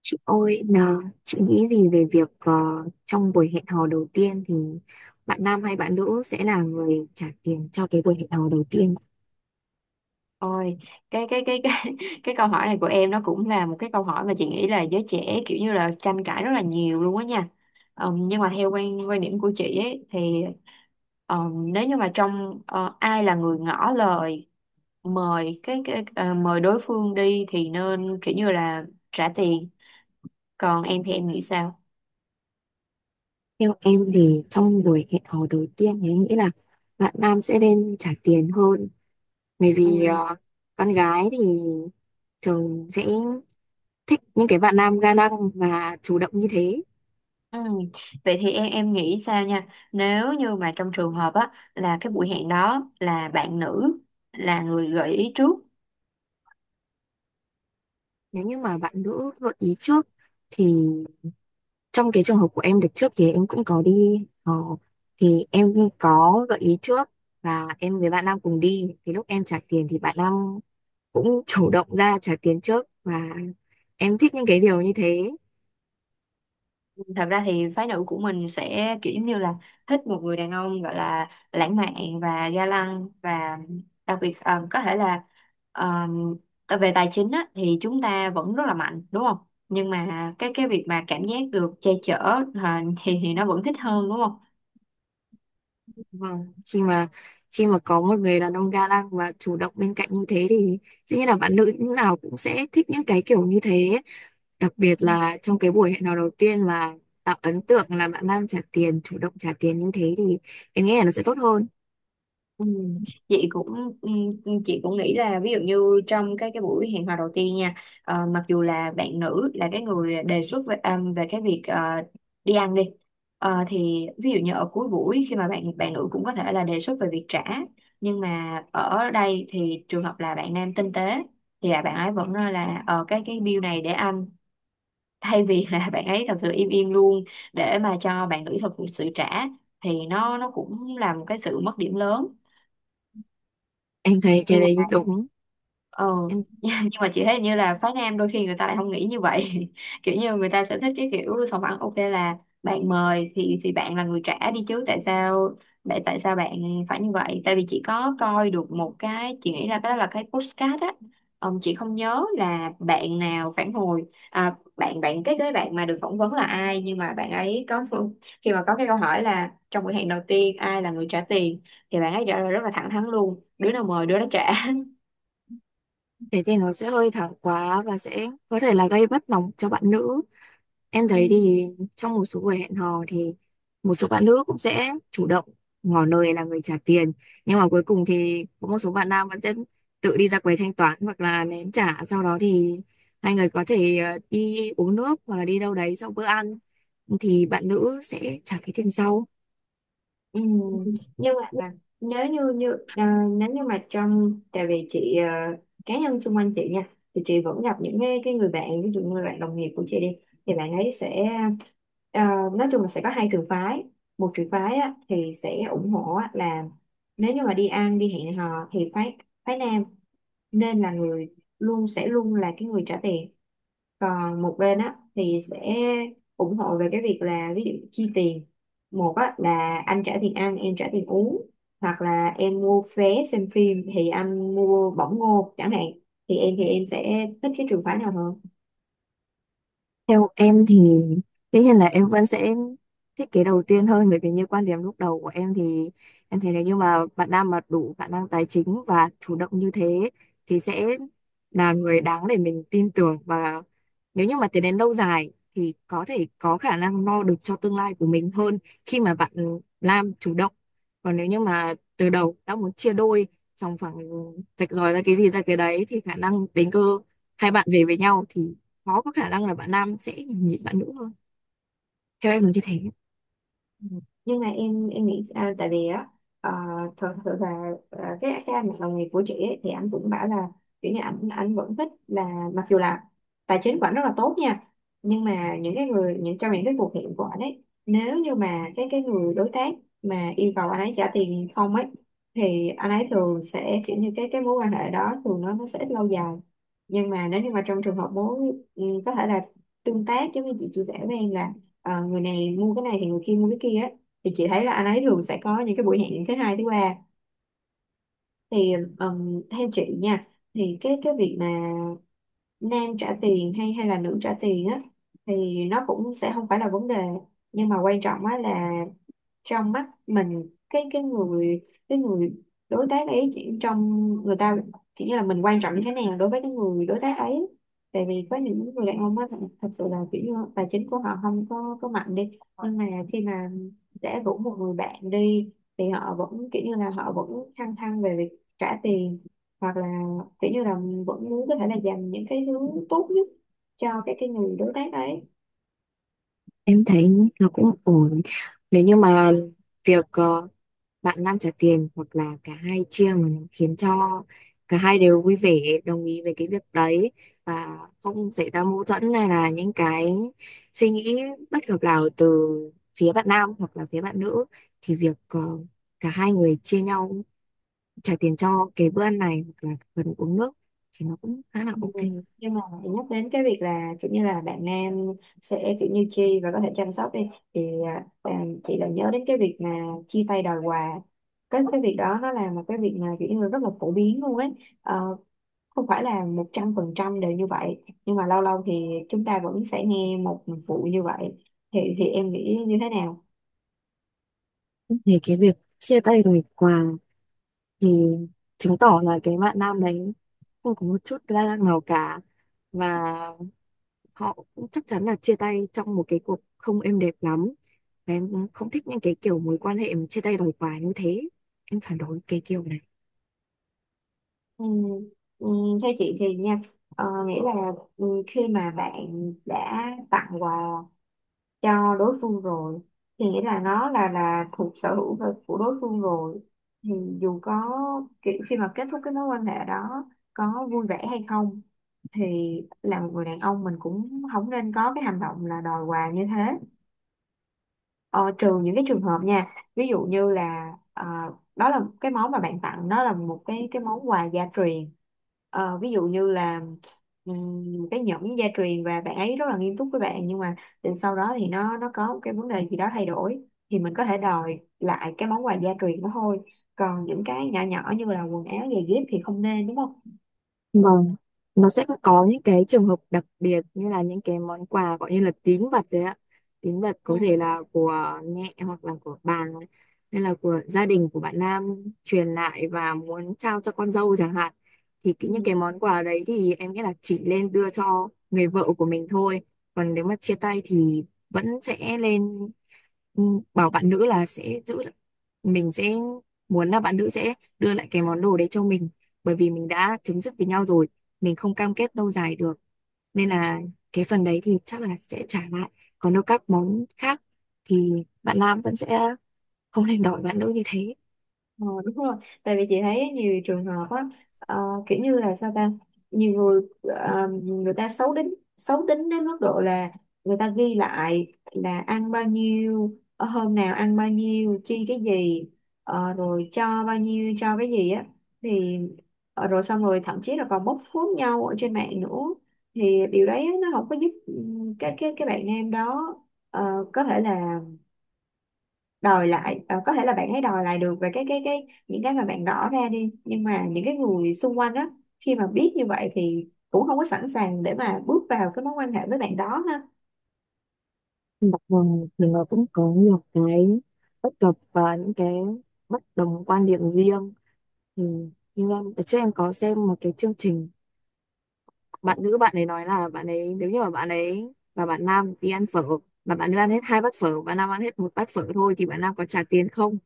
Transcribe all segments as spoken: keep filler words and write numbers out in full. Chị ơi, nào, chị nghĩ gì về việc ờ, trong buổi hẹn hò đầu tiên thì bạn nam hay bạn nữ sẽ là người trả tiền cho cái buổi hẹn hò đầu tiên? Ôi, cái cái cái cái cái câu hỏi này của em nó cũng là một cái câu hỏi mà chị nghĩ là giới trẻ kiểu như là tranh cãi rất là nhiều luôn á nha. Ờm, nhưng mà theo quan quan điểm của chị ấy thì ờm, nếu như mà trong ờ, ai là người ngỏ lời mời cái cái ờ, mời đối phương đi thì nên kiểu như là trả tiền. Còn em thì em nghĩ sao? Theo em thì trong buổi hẹn hò đầu tiên thì em nghĩ là bạn nam sẽ nên trả tiền hơn. Bởi vì ờ, con gái thì thường sẽ thích những cái bạn nam ga lăng và chủ động như Ừ. thế. Ừ. Vậy thì em em nghĩ sao nha, nếu như mà trong trường hợp á là cái buổi hẹn đó là bạn nữ là người gợi ý trước. Nếu như mà bạn nữ gợi ý trước thì trong cái trường hợp của em đợt trước thì em cũng có đi ờ, thì em có gợi ý trước và em với bạn nam cùng đi thì lúc em trả tiền thì bạn nam cũng chủ động ra trả tiền trước, và em thích những cái điều như thế. Thật ra thì phái nữ của mình sẽ kiểu giống như là thích một người đàn ông gọi là lãng mạn và ga lăng và đặc biệt ờ, có thể là ờ, về tài chính á thì chúng ta vẫn rất là mạnh, đúng không? Nhưng mà cái cái việc mà cảm giác được che chở, ờ, thì thì nó vẫn thích hơn, đúng không? Vâng, khi mà khi mà có một người đàn ông ga lăng và chủ động bên cạnh như thế thì dĩ nhiên là bạn nữ lúc nào cũng sẽ thích những cái kiểu như thế, đặc biệt là trong cái buổi hẹn hò đầu tiên mà tạo ấn tượng là bạn nam trả tiền, chủ động trả tiền như thế, thì em nghĩ là nó sẽ tốt hơn. Ừ. Chị cũng ừ, chị cũng nghĩ là ví dụ như trong cái cái buổi hẹn hò đầu tiên nha. Ờ, mặc dù là bạn nữ là cái người đề xuất về, à, về cái việc ờ, đi ăn đi. Ờ, thì ví dụ như ở cuối buổi, khi mà bạn bạn nữ cũng có thể là đề xuất về việc trả, nhưng mà ở đây thì trường hợp là bạn nam tinh tế thì là bạn ấy vẫn nói là ờ, cái cái bill này để anh, thay vì là bạn ấy thật sự im im luôn để mà cho bạn nữ thật sự trả thì nó nó cũng là một cái sự mất điểm lớn. Em thấy cái Nhưng đấy mà đúng. ờ Em nhưng mà chị thấy như là phái nam đôi khi người ta lại không nghĩ như vậy. Kiểu như người ta sẽ thích cái kiểu sòng phẳng, ok là bạn mời thì thì bạn là người trả đi chứ, tại sao tại tại sao bạn phải như vậy? Tại vì chị có coi được một cái, chị nghĩ là cái đó là cái postcard á. Ờm, chị không nhớ là bạn nào phản hồi, à, bạn bạn cái cái bạn mà được phỏng vấn là ai, nhưng mà bạn ấy có phương- khi mà có cái câu hỏi là trong buổi hẹn đầu tiên ai là người trả tiền, thì bạn ấy trả lời rất là thẳng thắn luôn: đứa nào mời đứa đó trả. thế thì nó sẽ hơi thẳng quá và sẽ có thể là gây bất lòng cho bạn nữ. Em thấy Ừ. thì trong một số buổi hẹn hò thì một số bạn nữ cũng sẽ chủ động ngỏ lời là người trả tiền, nhưng mà cuối cùng thì có một số bạn nam vẫn sẽ tự đi ra quầy thanh toán hoặc là nén trả sau, đó thì hai người có thể ờ, đi uống nước hoặc là đi đâu đấy sau bữa ăn thì bạn nữ sẽ trả cái tiền sau. Ừ. Nhưng mà à, nếu như như à, nếu như mà trong, tại vì chị à, cá nhân xung quanh chị nha, thì chị vẫn gặp những cái, cái người bạn, ví dụ như bạn đồng nghiệp của chị đi, thì bạn ấy sẽ à, nói chung là sẽ có hai trường phái. Một trường phái á thì sẽ ủng hộ á, là nếu như mà đi ăn, đi hẹn hò thì phái phái nam nên là người, luôn sẽ luôn là cái người trả tiền. Còn một bên á thì sẽ ủng hộ về cái việc là ví dụ chi tiền một á, là anh trả tiền ăn em trả tiền uống, hoặc là em mua vé xem phim thì anh mua bỏng ngô chẳng hạn. Thì em thì em sẽ thích cái trường phái nào hơn? Theo em thì tất nhiên là em vẫn sẽ thiết kế đầu tiên hơn, bởi vì như quan điểm lúc đầu của em thì em thấy nếu như mà bạn nam mà đủ khả năng tài chính và chủ động như thế thì sẽ là người đáng để mình tin tưởng, và nếu như mà tiến đến lâu dài thì có thể có khả năng lo được cho tương lai của mình hơn khi mà bạn nam chủ động. Còn nếu như mà từ đầu đã muốn chia đôi, xong phẳng, rạch ròi ra cái gì ra cái đấy, thì khả năng đến cơ hai bạn về với nhau thì khó có khả năng là bạn nam sẽ nhịn bạn nữ hơn. Theo em là như thế. Ừ. Nhưng mà em em nghĩ à, tại vì á, à, thật sự là à, cái cái anh mà đồng nghiệp của chị ấy, thì anh cũng bảo là kiểu như ảnh ảnh vẫn thích là mặc dù là tài chính của ảnh rất là tốt nha, nhưng mà những cái người những trong những cái cuộc hẹn của ảnh ấy, nếu như mà cái cái người đối tác mà yêu cầu anh ấy trả tiền không ấy thì anh ấy thường sẽ kiểu như cái cái mối quan hệ đó thường nó nó sẽ ít lâu dài. Nhưng mà nếu như mà trong trường hợp mối, ừ, có thể là tương tác giống như chị chia sẻ với em là ờ, người này mua cái này thì người kia mua cái kia á, thì chị thấy là anh ấy thường sẽ có những cái buổi hẹn thứ hai, thứ ba. Thì ừm, theo chị nha, thì cái cái việc mà nam trả tiền hay hay là nữ trả tiền á thì nó cũng sẽ không phải là vấn đề. Nhưng mà quan trọng á là trong mắt mình, cái cái người cái người đối tác ấy, chỉ- trong người ta kiểu như là mình quan trọng như thế nào đối với cái người đối tác ấy. Tại vì có những người đàn ông á, thật sự là kiểu như tài chính của họ không có có mạnh đi, nhưng mà khi mà đã rủ một người bạn đi thì họ vẫn kiểu như là họ vẫn thăng thăng về việc trả tiền, hoặc là kiểu như là vẫn muốn có thể là dành những cái thứ tốt nhất cho cái cái người đối tác ấy. Em thấy nó cũng ổn nếu như mà việc ờ, bạn nam trả tiền hoặc là cả hai chia mà nó khiến cho cả hai đều vui vẻ đồng ý về cái việc đấy và không xảy ra mâu thuẫn hay là những cái suy nghĩ bất hợp nào từ phía bạn nam hoặc là phía bạn nữ, thì việc ờ, cả hai người chia nhau trả tiền cho cái bữa ăn này hoặc là phần uống nước thì nó cũng khá là ok. Nhưng mà nhắc đến cái việc là kiểu như là bạn nam sẽ kiểu như chi và có thể chăm sóc đi, thì à, bạn- chị lại nhớ đến cái việc mà chia tay đòi quà. Cái cái việc đó nó là một cái việc mà kiểu như là rất là phổ biến luôn ấy. Ờ, Không phải là một trăm phần trăm đều như vậy, nhưng mà lâu lâu thì chúng ta vẫn sẽ nghe một vụ như vậy. Thì thì em nghĩ như thế nào? Thì cái việc chia tay rồi quà thì chứng tỏ là cái bạn nam đấy không có một chút ga lăng nào cả, và họ cũng chắc chắn là chia tay trong một cái cuộc không êm đẹp lắm, và em không thích những cái kiểu mối quan hệ mà chia tay đòi quà như thế. Em phản đối cái kiểu này. Ừ. Ừ. Theo chị thì nha, ờ, nghĩ là, ừ, khi mà bạn đã tặng quà cho đối phương rồi thì nghĩa là nó là là thuộc sở hữu và- của đối phương rồi, thì dù có kiểu khi mà kết thúc cái mối quan hệ đó có vui vẻ hay không thì là một người đàn ông mình cũng không nên có cái hành động là đòi quà như thế. Ờ, Trừ những cái trường hợp nha, ví dụ như là ờ, đó là cái món mà bạn tặng nó là một cái cái món quà gia truyền. Ờ, ví dụ như là ừm, cái nhẫn gia truyền và bạn ấy rất là nghiêm túc với bạn, nhưng mà đến sau đó thì nó nó có một cái vấn đề gì đó thay đổi thì mình có thể đòi lại cái món quà gia truyền đó thôi. Còn những cái nhỏ nhỏ như là quần áo giày dép thì không nên, đúng không? Vâng, nó sẽ có những cái trường hợp đặc biệt như là những cái món quà gọi như là tín vật đấy ạ. Tín vật có Ừ. thể là của mẹ hoặc là của bà hay là của gia đình của bạn Nam truyền lại và muốn trao cho con dâu chẳng hạn. Thì cái- những cái Ừ. món quà đấy thì em nghĩ là chỉ lên đưa cho người vợ của mình thôi. Còn nếu mà chia tay thì vẫn sẽ lên, ừ, bảo bạn nữ là sẽ giữ, mình sẽ muốn là bạn nữ sẽ đưa lại cái món đồ đấy cho mình, bởi vì mình đã chấm dứt với nhau rồi, mình không cam kết lâu dài được, nên là cái phần đấy thì chắc là sẽ trả lại. Còn đâu các món khác thì bạn nam vẫn sẽ không hành đòi bạn nữ như thế. Ờ, Đúng rồi, tại vì chị thấy nhiều trường hợp á, ờ, kiểu như là sao ta, nhiều người ờ, người ta xấu tính, xấu tính đến mức độ là người ta ghi lại là ăn bao nhiêu, ờ, hôm nào ăn bao nhiêu chi cái gì, ờ, rồi cho bao nhiêu cho cái gì á. Thì ờ, rồi xong rồi thậm chí là còn bóc phốt nhau ở trên mạng nữa, thì điều đấy nó không có giúp ừ, cái cái cái bạn nam đó ờ, có thể là đòi lại, ờ, có thể là bạn hãy đòi lại được về cái cái cái những cái mà bạn rõ ra đi, nhưng mà những cái người xung quanh đó khi mà biết như vậy thì cũng không có sẵn sàng để mà bước vào cái mối quan hệ với bạn đó ha. Mặc dù thì nó cũng có nhiều cái bất cập và những cái bất đồng quan điểm riêng, thì như em trước em có xem một cái chương trình, bạn nữ bạn ấy nói là bạn ấy, nếu như mà bạn ấy và bạn nam đi ăn phở mà bạn nữ ăn hết hai bát phở, bạn nam ăn hết một bát phở thôi, thì bạn nam có trả tiền không?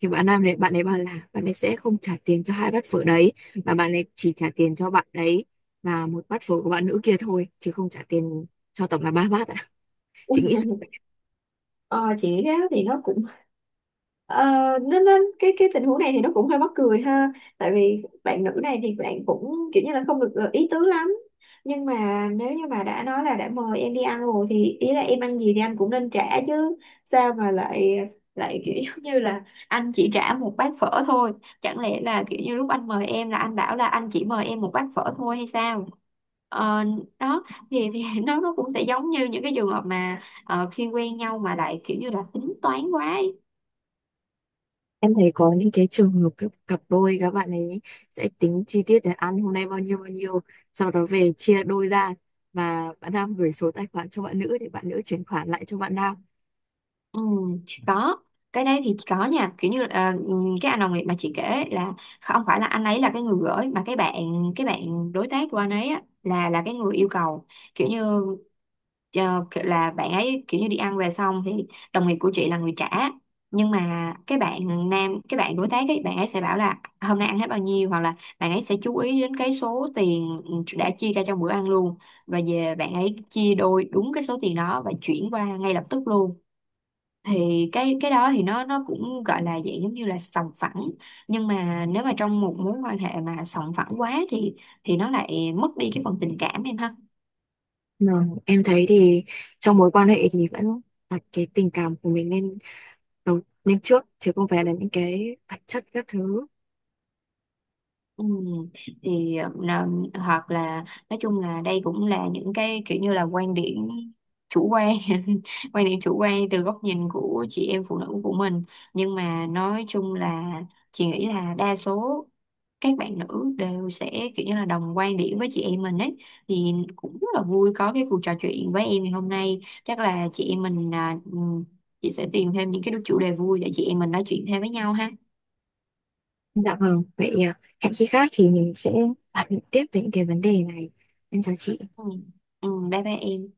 Thì bạn nam đấy bạn ấy bảo là bạn ấy sẽ không trả tiền cho hai bát phở đấy, mà bạn ấy chỉ trả tiền cho bạn đấy và một bát phở của bạn nữ kia thôi, chứ không trả tiền cho tổng là ba bát ạ. Chị nghĩ sao? ờ, chị thế thì nó cũng... Ờ, nên, nên cái cái tình huống này thì nó cũng hơi mắc cười ha. Tại vì bạn nữ này thì bạn cũng kiểu như là không được ờ, ý tứ lắm. Nhưng mà nếu như mà đã nói là đã mời em đi ăn rồi thì ý là em ăn gì thì anh cũng nên trả chứ, sao mà lại lại kiểu giống như là anh chỉ trả một bát phở thôi? Chẳng lẽ là kiểu như lúc anh mời em là anh bảo là anh chỉ mời em một bát phở thôi hay sao? Ờ, Đó, thì thì nó nó cũng sẽ giống như những cái trường hợp mà ờ, khi quen nhau mà lại kiểu như là tính toán quá ấy. Em thấy có những cái trường hợp các cặp đôi các bạn ấy sẽ tính chi tiết là ăn hôm nay bao nhiêu bao nhiêu, sau đó về chia đôi ra, và bạn nam gửi số tài khoản cho bạn nữ để bạn nữ chuyển khoản lại cho bạn nam. Ừ, có cái đấy thì có nha, kiểu như ờ, cái anh đồng nghiệp mà chị kể là không phải là anh ấy là cái người gửi, mà cái bạn cái bạn đối tác của anh ấy á, là là cái người yêu cầu, kiểu như ờ, kiểu là bạn ấy kiểu như đi ăn về xong thì đồng nghiệp của chị là người trả, nhưng mà cái bạn nam cái bạn đối tác ấy bạn ấy sẽ bảo là hôm nay ăn hết bao nhiêu, hoặc là bạn ấy sẽ chú ý đến cái số tiền đã chia ra trong bữa ăn luôn, và về bạn ấy chia đôi đúng cái số tiền đó và chuyển qua ngay lập tức luôn. Thì cái cái đó thì nó nó cũng gọi là dạng giống như là sòng phẳng. Nhưng mà nếu mà trong một mối quan hệ mà sòng phẳng quá thì thì nó lại mất đi cái phần tình cảm em ha. Mà em thấy thì trong mối quan hệ thì vẫn đặt cái tình cảm của mình lên đầu lên trước chứ không phải là những cái vật chất các thứ. Ừ. Thì ờ, hoặc là nói chung là đây cũng là những cái kiểu như là quan điểm chủ quan, quan điểm chủ quan từ góc nhìn của chị em phụ nữ của mình. Nhưng mà nói chung là chị nghĩ là đa số các bạn nữ đều sẽ kiểu như là đồng quan điểm với chị em mình ấy. Thì cũng rất là vui có cái cuộc trò chuyện với em ngày hôm nay, chắc là chị em mình à, ừ, chị sẽ tìm thêm những cái chủ đề vui để chị em mình nói chuyện thêm với nhau ha. Dạ vâng, vậy à, hẹn khi khác thì mình sẽ bàn luận tiếp về những cái vấn đề này. Em chào chị. Ừ. Ừ. Bye bye em.